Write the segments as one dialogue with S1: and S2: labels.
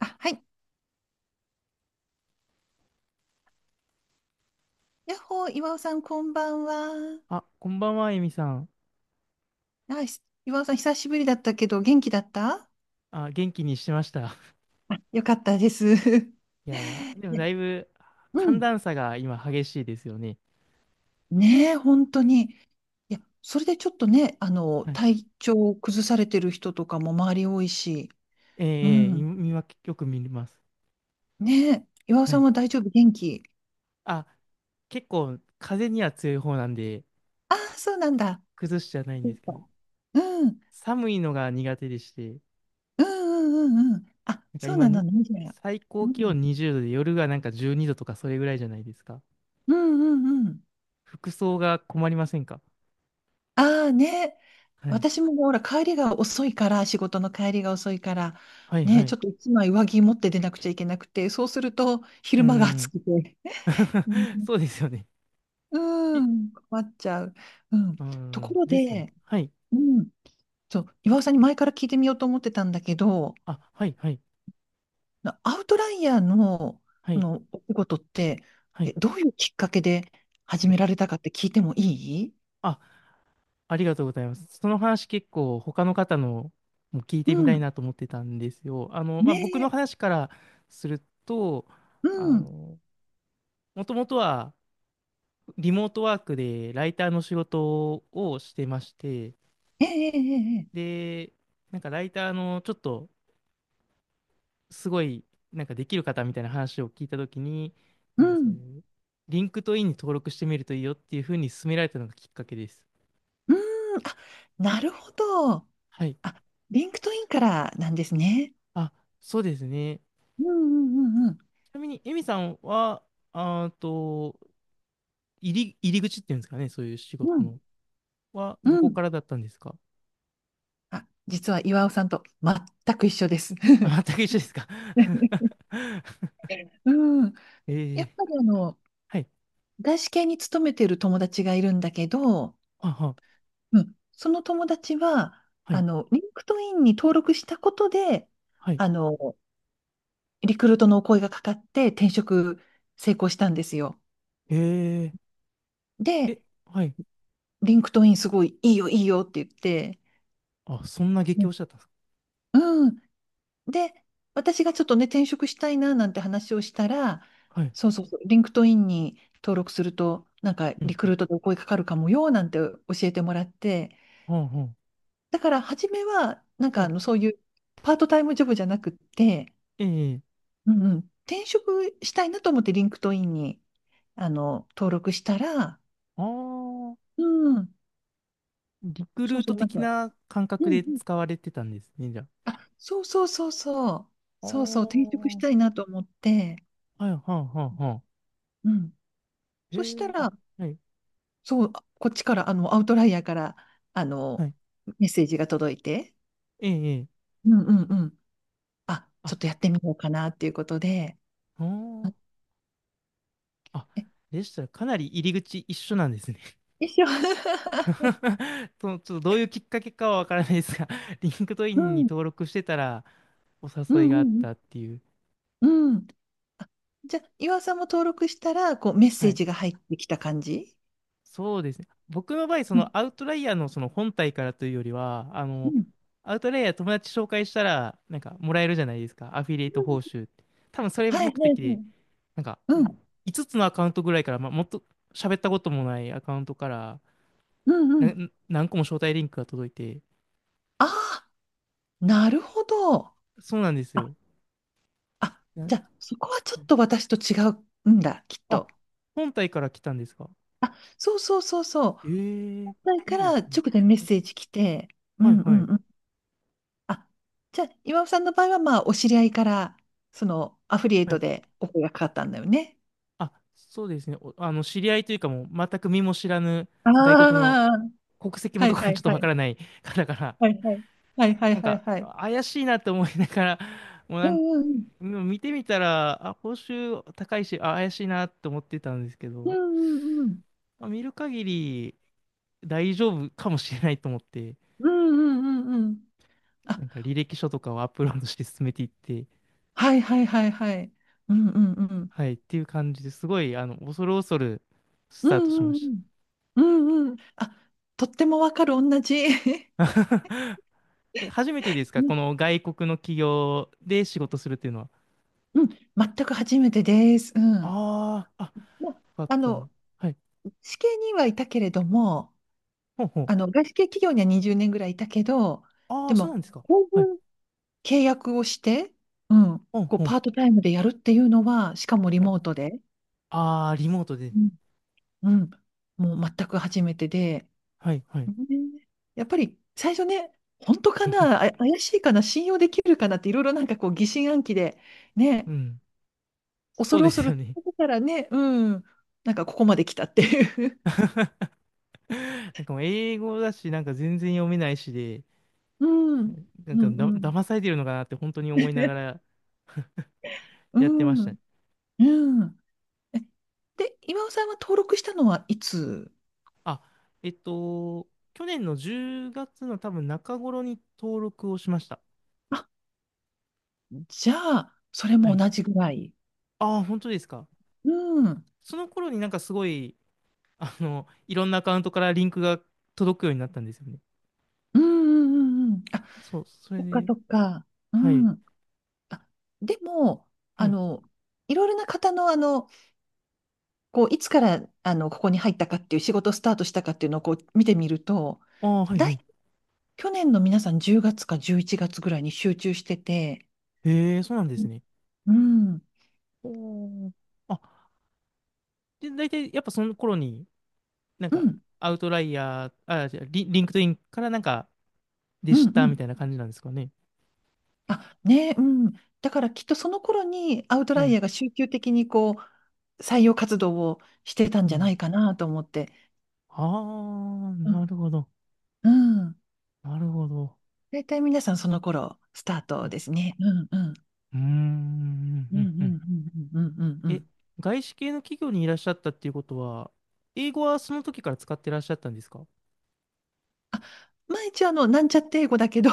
S1: あ、はい。やっほー、岩尾さん、こんばんは。
S2: あ、こんばんは、エミさん。
S1: 岩尾さん、久しぶりだったけど、元気だったあ、
S2: あ、元気にしてました。
S1: よかったです。
S2: いやー、でもだ
S1: ね、
S2: いぶ
S1: う
S2: 寒
S1: ん。
S2: 暖差が今激しいですよね。
S1: ねえ、本当に。いや、それでちょっとね、
S2: はい。
S1: 体調を崩されてる人とかも周り多いし。
S2: え
S1: う
S2: えええ
S1: ん。
S2: 今よく見ます。
S1: ねえ、岩尾
S2: は
S1: さん
S2: い。
S1: は大丈夫、元気。
S2: あ、結構風には強い方なんで、
S1: ああ、そうなんだ。
S2: 崩しじゃないん
S1: そ
S2: で
S1: っ
S2: すけど、
S1: か、うん。
S2: 寒いのが苦手でして、
S1: うんうんうんうん。あ、
S2: なんか
S1: そう
S2: 今
S1: な
S2: に、
S1: のね、じゃあ。
S2: 最
S1: う
S2: 高気
S1: ん。
S2: 温20度で夜がなんか12度とかそれぐらいじゃないですか。
S1: うんうんうん。
S2: 服装が困りませんか？
S1: ああね、
S2: はい。
S1: 私もねほら、帰りが遅いから、仕事の帰りが遅いから、
S2: はいは
S1: ね、ち
S2: い。
S1: ょっと一枚上着持って出なくちゃいけなくて、そうすると
S2: うー
S1: 昼間が暑
S2: ん。
S1: くて、うん
S2: そうですよね。
S1: う
S2: い、
S1: ん、困っちゃう。うん、
S2: うー
S1: とこ
S2: ん。
S1: ろ
S2: ですよね。
S1: で、
S2: はい。
S1: うん、そう、岩尾さんに前から聞いてみようと思ってたんだけど、
S2: あ、はい、はい、
S1: アウトライヤーの
S2: は
S1: こ
S2: い、
S1: のお仕事って、
S2: はい、
S1: え、どういうきっかけで始
S2: は
S1: め
S2: い。
S1: られたかって聞いてもいい。
S2: あ、ありがとうございます。その話結構他の方のも聞い
S1: う
S2: てみたい
S1: ん。
S2: なと思ってたんですよ。まあ、
S1: ね
S2: 僕の
S1: え、
S2: 話からすると、
S1: う
S2: あ
S1: ん。
S2: の、もともとはリモートワークでライターの仕事をしてまして、
S1: ええええええ、
S2: で、なんかライターのちょっとすごい、なんかできる方みたいな話を聞いたときに、
S1: う
S2: なんかそう
S1: ん。
S2: いう、リンクトインに登録してみるといいよっていうふうに勧められたのがきっかけです。
S1: うーん、あ、なるほど。
S2: はい。
S1: あ、リンクトインからなんですね。
S2: あ、そうですね。
S1: うんうんうんうん。
S2: ちなみに、エミさんは、あーと、入り口っていうんですかね、そういう仕
S1: う
S2: 事
S1: ん
S2: の。は、
S1: う
S2: どこ
S1: ん。
S2: からだったんですか？
S1: あ、実は岩尾さんと全く一緒です。
S2: あ、全 く一緒ですか？
S1: うん。
S2: え
S1: や
S2: ー、
S1: っぱり
S2: はい。
S1: 外資系に勤めてる友達がいるんだけど、
S2: あは、
S1: うん、その友達は、
S2: はい、
S1: リンクトインに登録したことで、
S2: はい。
S1: あの、リクルートのお声がかかって転職成功したんですよ。
S2: えー、
S1: で、
S2: え、はい。
S1: リンクトインすごいいいよいいよって言って、
S2: あ、そんな激推しだったんですか？
S1: うん。で、私がちょっとね、転職したいななんて話をしたら、
S2: はい。
S1: そうそうそう、リンクトインに登録すると、なんか
S2: うん、
S1: リク
S2: うん。
S1: ルートでお声かかるかもよなんて教えてもらって、
S2: はあ、は
S1: だから初めは、なん
S2: あ、は
S1: かあ
S2: い。
S1: のそういうパートタイムジョブじゃなくって、
S2: えー、
S1: うんうん、転職したいなと思ってリンクトインに登録したら、
S2: あー、
S1: うん、
S2: リク
S1: そ
S2: ルー
S1: うそ
S2: ト
S1: う、なん
S2: 的
S1: か、
S2: な感
S1: う
S2: 覚
S1: ん
S2: で
S1: うん、
S2: 使われてたんですね、じゃあ。
S1: あ、そうそうそうそう、
S2: あ
S1: そうそう、転職し
S2: ー、
S1: たいなと思って、
S2: はい、はあ、はあ、はあ。
S1: うん。
S2: え
S1: そした
S2: ー、あ、
S1: ら、
S2: はい。
S1: そう、こっちから、アウトライヤーから、あ
S2: は
S1: の、
S2: い。
S1: メッセージが届いて、
S2: ええ、ええ。
S1: うんうんうん。あ、ち
S2: あ、
S1: ょっとやってみようかなっていうことで、
S2: お
S1: あ、
S2: ー。あ、
S1: え、
S2: でしたらかなり入り口一緒なんですね。
S1: 一緒。
S2: と、ちょっとどういうきっかけかはわからないですが、リンクトイ
S1: う
S2: ンに
S1: ん
S2: 登録してたらお
S1: う
S2: 誘い
S1: ん
S2: があ
S1: う
S2: っ
S1: ん
S2: たっていう。
S1: うん。うん。あ、じゃあ、岩尾さんも登録したら、こう、メッ
S2: は
S1: セー
S2: い。
S1: ジが入ってきた感じ。
S2: そうですね。僕の場合、そ
S1: うん
S2: のアウトライヤーのその本体からというよりは、
S1: うんうん、
S2: アウトライヤー友達紹介したら、なんかもらえるじゃないですか。アフィリエイト報酬って。多分それ
S1: はい
S2: 目
S1: はいはい。
S2: 的で、なんか
S1: うん。
S2: 5つつのアカウントぐらいから、まあ、もっと喋ったこともないアカウントから、
S1: うんう
S2: な、
S1: ん。
S2: 何個も招待リンクが届いて、
S1: ああ、なるほど。
S2: そうなんです
S1: あ、
S2: よ。
S1: あ、
S2: な
S1: じ
S2: ん、
S1: ゃあ、そこはちょっと私と違うんだ、きっ
S2: あ、
S1: と。
S2: 本体から来たんですか？
S1: あ、そうそうそうそう。
S2: ええ。い
S1: だか
S2: いで
S1: ら
S2: すね。
S1: 直でメッセージ来て、う
S2: はい
S1: んう
S2: は
S1: ん
S2: い。
S1: うん。あ、じゃあ、岩尾さんの場合は、まあ、お知り合いから、その、アフリエイ
S2: は
S1: ト
S2: い。
S1: でお声がかかったんだよね。
S2: あ、そうですね。お知り合いというかもう、全く身も知らぬ
S1: あ
S2: 外国の
S1: あ、
S2: 国籍も
S1: は
S2: ど
S1: い
S2: こ
S1: は
S2: かちょ
S1: い
S2: っと
S1: は
S2: わか
S1: い。
S2: らない 方から、
S1: はいはい。はいはい
S2: なん
S1: はい
S2: か、
S1: はい。
S2: 怪しいなと思いながら、もう
S1: う
S2: なんか、
S1: んうん
S2: もう見てみたら、あ、報酬高いし、あ、怪しいなと思ってたんですけ
S1: うん。
S2: ど、
S1: うんうんうん。
S2: まあ見る限り大丈夫かもしれないと思って、
S1: うんうんうんうん。あ、
S2: なんか履歴書とかをアップロードして進めていって、
S1: はいはいはいはい。うんうんう ん。
S2: はい、っていう感じですごい、恐る恐るス
S1: う
S2: タートしま
S1: んうん
S2: し
S1: うん。うんうん。あ、とってもわかる、同じ。
S2: た。え、初めてです
S1: う
S2: か？
S1: ん、
S2: この外国の企業で仕事するっていうのは。
S1: うん、全く初めてです。うん。
S2: ああ、あ、
S1: ま、
S2: よかっ
S1: あ
S2: た。
S1: の、
S2: はい。
S1: 試験にはいたけれども、
S2: ほんほん。
S1: 外資系企業には20年ぐらいいたけど、
S2: あ
S1: で
S2: あ、そう
S1: も、
S2: なんですか。
S1: こう
S2: はい。
S1: いう契約をして、うん、
S2: ほん
S1: こう
S2: ほん。
S1: パートタイムでやるっていうのは、しかもリ
S2: はい。
S1: モートで、
S2: ああ、リモートで。
S1: うん、うん、もう全く初めてで、
S2: はい、はい。
S1: ね、やっぱり最初ね、本当かな、あ、怪しいかな、信用できるかなって、いろいろなんかこう疑心暗鬼で、
S2: う
S1: ね、
S2: ん。
S1: 恐
S2: そう
S1: る
S2: で
S1: 恐
S2: すよ
S1: る、
S2: ね。
S1: ここからね、うん、なんかここまで来たっていう。
S2: なんかもう英語だし、なんか全然読めないしで、
S1: うん、
S2: な
S1: う
S2: んか
S1: ん、うん。
S2: 騙されてるのかなって本当に思いながら
S1: う
S2: やってました
S1: ん
S2: ね。
S1: うん。え、で、今尾さんは登録したのはいつ。
S2: あ、えっと、去年の10月の多分中頃に登録をしました。
S1: あ、じゃあ、それ
S2: は
S1: も
S2: い。
S1: 同じぐらい。
S2: ああ、本当ですか。
S1: うん。
S2: その頃になんかすごい、いろんなアカウントからリンクが届くようになったんですよね。
S1: うんうんうんうん。あ、
S2: そう、それ
S1: そっか
S2: で、
S1: そっか。う
S2: はい、
S1: ん。あ、でも、
S2: は
S1: あ
S2: い。
S1: の、いろいろな方の、こう、いつから、ここに入ったかっていう仕事スタートしたかっていうのをこう見てみると、
S2: ああ、はい、は
S1: 大、
S2: い。
S1: 去年の皆さん10月か11月ぐらいに集中してて、
S2: へえ、そうなんで
S1: う
S2: す
S1: ん。
S2: ね。
S1: うん。
S2: おー。あ、で、大体やっぱその頃に、なん
S1: う
S2: か、
S1: ん。
S2: アウトライヤー、あ、じゃあリンクトインからなんか、で
S1: う
S2: したみ
S1: ん。
S2: たいな感じなんですかね。
S1: あ、ね、うん。だからきっとその頃にアウト
S2: は
S1: ライ
S2: い。
S1: ヤーが集中的にこう採用活動をしてたん
S2: う
S1: じゃな
S2: ん。
S1: いかなと思って。
S2: ああ、
S1: うん。
S2: なるほど。
S1: うん。
S2: なるほど。
S1: 大体皆さんその頃スタート
S2: は
S1: ですね。うんうん。
S2: い。うーん、
S1: う
S2: う
S1: んう
S2: ん、
S1: んう
S2: うん。
S1: んうんうんうん。う
S2: え、
S1: ん。
S2: 外資系の企業にいらっしゃったっていうことは、英語はその時から使ってらっしゃったんですか？
S1: あ、毎日なんちゃって英語だけど、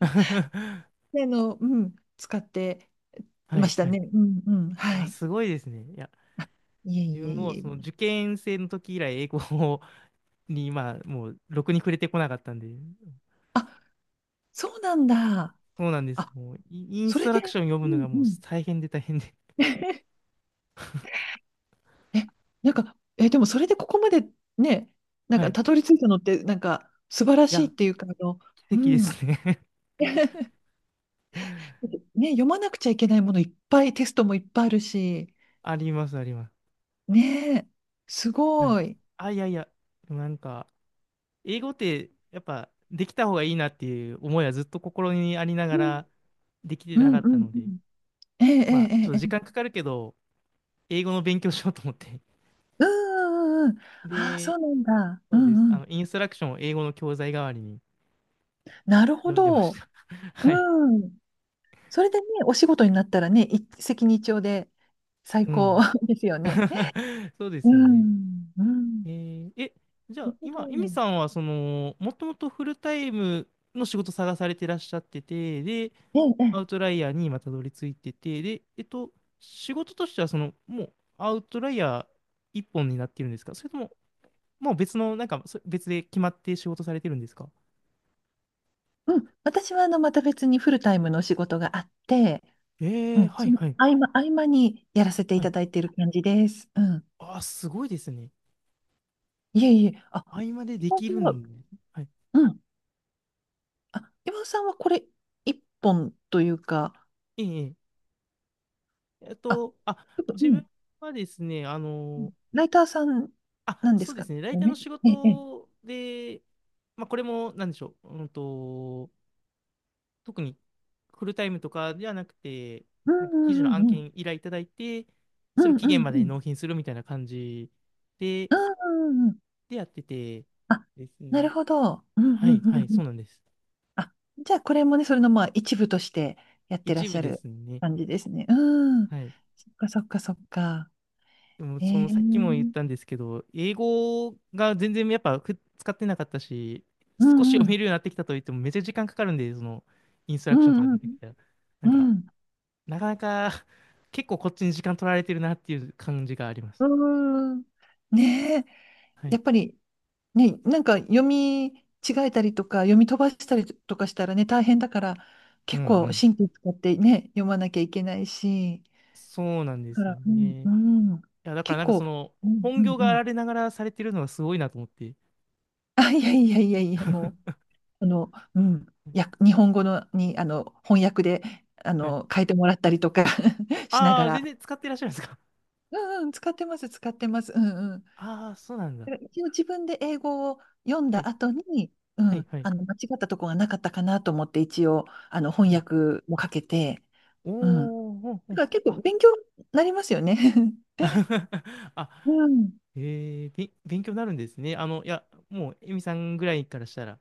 S2: は
S1: うん、使ってま
S2: い、
S1: した
S2: はい。
S1: ね。うんうん。は
S2: あ、
S1: い。
S2: すごいですね。いや、
S1: いえ
S2: 自
S1: いえ
S2: 分も
S1: い
S2: その
S1: え。
S2: 受験生の時以来英語を に今、もう、ろくに触れてこなかったんで、
S1: あ、そうなんだ。
S2: そうなんです。
S1: あ、
S2: もう、イイン
S1: そ
S2: ス
S1: れ
S2: ト
S1: で、
S2: ラクション読
S1: う
S2: むの
S1: ん
S2: が
S1: う
S2: もう
S1: ん。
S2: 大変で大変で。
S1: え、なんか、え、でもそれでここまでね、なん
S2: はい。
S1: か
S2: い
S1: たどり着いたのって、なんか素晴らしいっ
S2: や、
S1: ていうか、あの、
S2: 奇
S1: う
S2: 跡で
S1: ん。
S2: すね。
S1: ね、読まなくちゃいけないものいっぱい、テストもいっぱいあるし、
S2: あります、あります。
S1: ねえ、す
S2: はい。
S1: ごい。
S2: あ、いやいや、でもなんか、英語ってやっぱできた方がいいなっていう思いはずっと心にありな
S1: う
S2: が
S1: ん
S2: らできて
S1: う
S2: な
S1: ん
S2: かっ
S1: う
S2: た
S1: ん
S2: の
S1: う
S2: で、
S1: ん。ええ
S2: まあち
S1: ええ
S2: ょっと
S1: え
S2: 時間
S1: え。
S2: かかるけど、英語の勉強しようと思って。
S1: うんうんうん。ああ、そ
S2: で、
S1: うなんだ。う
S2: そうです。
S1: んうん。
S2: インストラクションを英語の教材代わりに
S1: なるほ
S2: 読んでまし
S1: ど。
S2: た。はい。
S1: うん。それでね、お仕事になったらね、一石二鳥で最
S2: う
S1: 高
S2: ん。
S1: ですよね。
S2: そうで
S1: う
S2: すよね。
S1: ん。うん。
S2: えーえ、じゃ
S1: な
S2: あ
S1: るほど。
S2: 今、エミさんはその、もともとフルタイムの仕事探されてらっしゃってて、で、
S1: ええ、
S2: ア
S1: ええ、
S2: ウトライヤーに今たどり着いてて、で、えっと、仕事としては、その、もうアウトライヤー一本になっているんですか？それとも、もう別の、なんか、そ別で決まって仕事されてるんですか？
S1: うん。私はまた別にフルタイムのお仕事があって、う
S2: ええ。
S1: ん、
S2: はい
S1: その
S2: はい。
S1: 合間、合間にやらせてい
S2: はい。
S1: ただいている感じです。うん。
S2: ああ、すごいですね。
S1: いえいえ、あ、
S2: 合間でで
S1: 今尾
S2: き
S1: さん
S2: る
S1: は、
S2: ん。はい。
S1: うん。あ、今尾さんはこれ、一本というか、
S2: ええええ。えっ
S1: あ、
S2: と、あ、
S1: う
S2: 自
S1: ん。
S2: 分
S1: う
S2: はですね、あ
S1: ん、
S2: の、
S1: ライターさん
S2: あ、
S1: なんで
S2: そ
S1: す
S2: うで
S1: か
S2: すね、ライターの
S1: ね。
S2: 仕
S1: ええ、ええ。
S2: 事で、まあ、これも、なんでしょう、うんと、特にフルタイムとかではなくて、
S1: うん
S2: なんか
S1: う
S2: 記事
S1: ん
S2: の
S1: う
S2: 案
S1: んうん。
S2: 件依頼いただいて、
S1: う
S2: それを
S1: んうん
S2: 期限まで
S1: う
S2: に
S1: ん。
S2: 納品するみたいな感じで、
S1: うんうんうん。
S2: でやってて
S1: あ、
S2: です
S1: な
S2: ね。
S1: るほど。うんう
S2: は
S1: ん
S2: い、
S1: う
S2: はい、
S1: んう
S2: そ
S1: ん。
S2: うなんです。
S1: あ、じゃあこれもね、それのまあ一部としてやってらっ
S2: 一
S1: し
S2: 部
S1: ゃ
S2: で
S1: る
S2: すね。
S1: 感じですね。うん。
S2: はい。
S1: そっかそっかそっか。
S2: でも、
S1: え
S2: その、
S1: え、
S2: さっきも言ったんですけど、英語が全然やっぱ使ってなかったし、
S1: う
S2: 少し
S1: んう
S2: 読め
S1: ん。
S2: るようになってきたといっても、めっちゃ時間かかるんで、その、インストラ
S1: う
S2: クションとか
S1: ん
S2: 出
S1: う
S2: てき
S1: ん。
S2: たら、なん
S1: う
S2: か、
S1: ん。
S2: なかなか、結構こっちに時間取られてるなっていう感じがあります。
S1: うーん。ねえ。
S2: は
S1: や
S2: い。
S1: っぱりね、なんか読み違えたりとか、読み飛ばしたりとかしたらね、大変だから、
S2: うん
S1: 結
S2: う
S1: 構
S2: ん。
S1: 神経使ってね、読まなきゃいけないし。
S2: そうなんで
S1: だか
S2: すよ
S1: ら、うん
S2: ね。い
S1: うん。
S2: や、だから
S1: 結
S2: なんか
S1: 構、
S2: その、
S1: うん
S2: 本
S1: うん
S2: 業
S1: う
S2: があ
S1: ん。
S2: られながらされてるのがすごいなと思って。
S1: あ、いやいやいやいや、もう。あの、うん、や、日本語のに、翻訳で、
S2: はい。
S1: 変えてもらったりとか しな
S2: あ
S1: が
S2: あ、全
S1: ら。
S2: 然使ってらっしゃるんですか。
S1: うんうん、使ってます、使ってます。うんうん。
S2: あ あー、そうなんだ。
S1: だから一応自分で英語を読ん
S2: は
S1: だ
S2: い。
S1: 後に、う
S2: はい、
S1: ん、
S2: はい。
S1: 間違ったとこがなかったかなと思って、一応、
S2: う
S1: 翻
S2: ん。
S1: 訳もかけて、うん。だ
S2: おー、ほんほ
S1: か
S2: ん。
S1: ら結構
S2: あ、
S1: 勉強になりますよね。
S2: あ、
S1: うん。
S2: えー、勉強になるんですね。いや、もう、エミさんぐらいからしたら、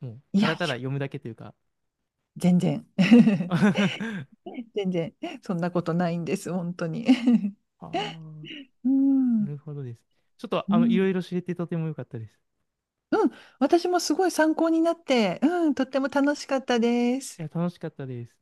S2: もう、
S1: い
S2: た
S1: やい
S2: だただ
S1: や、
S2: 読むだけというか。
S1: 全然。
S2: あ
S1: 全然、そんなことないんです、本当に。
S2: あ、
S1: う
S2: な
S1: ん。
S2: るほどです。ちょっと、
S1: う
S2: いろ
S1: ん
S2: いろ知れてとても良かったです。
S1: うん、私もすごい参考になって、うん、とっても楽しかったです。
S2: いや、楽しかったです。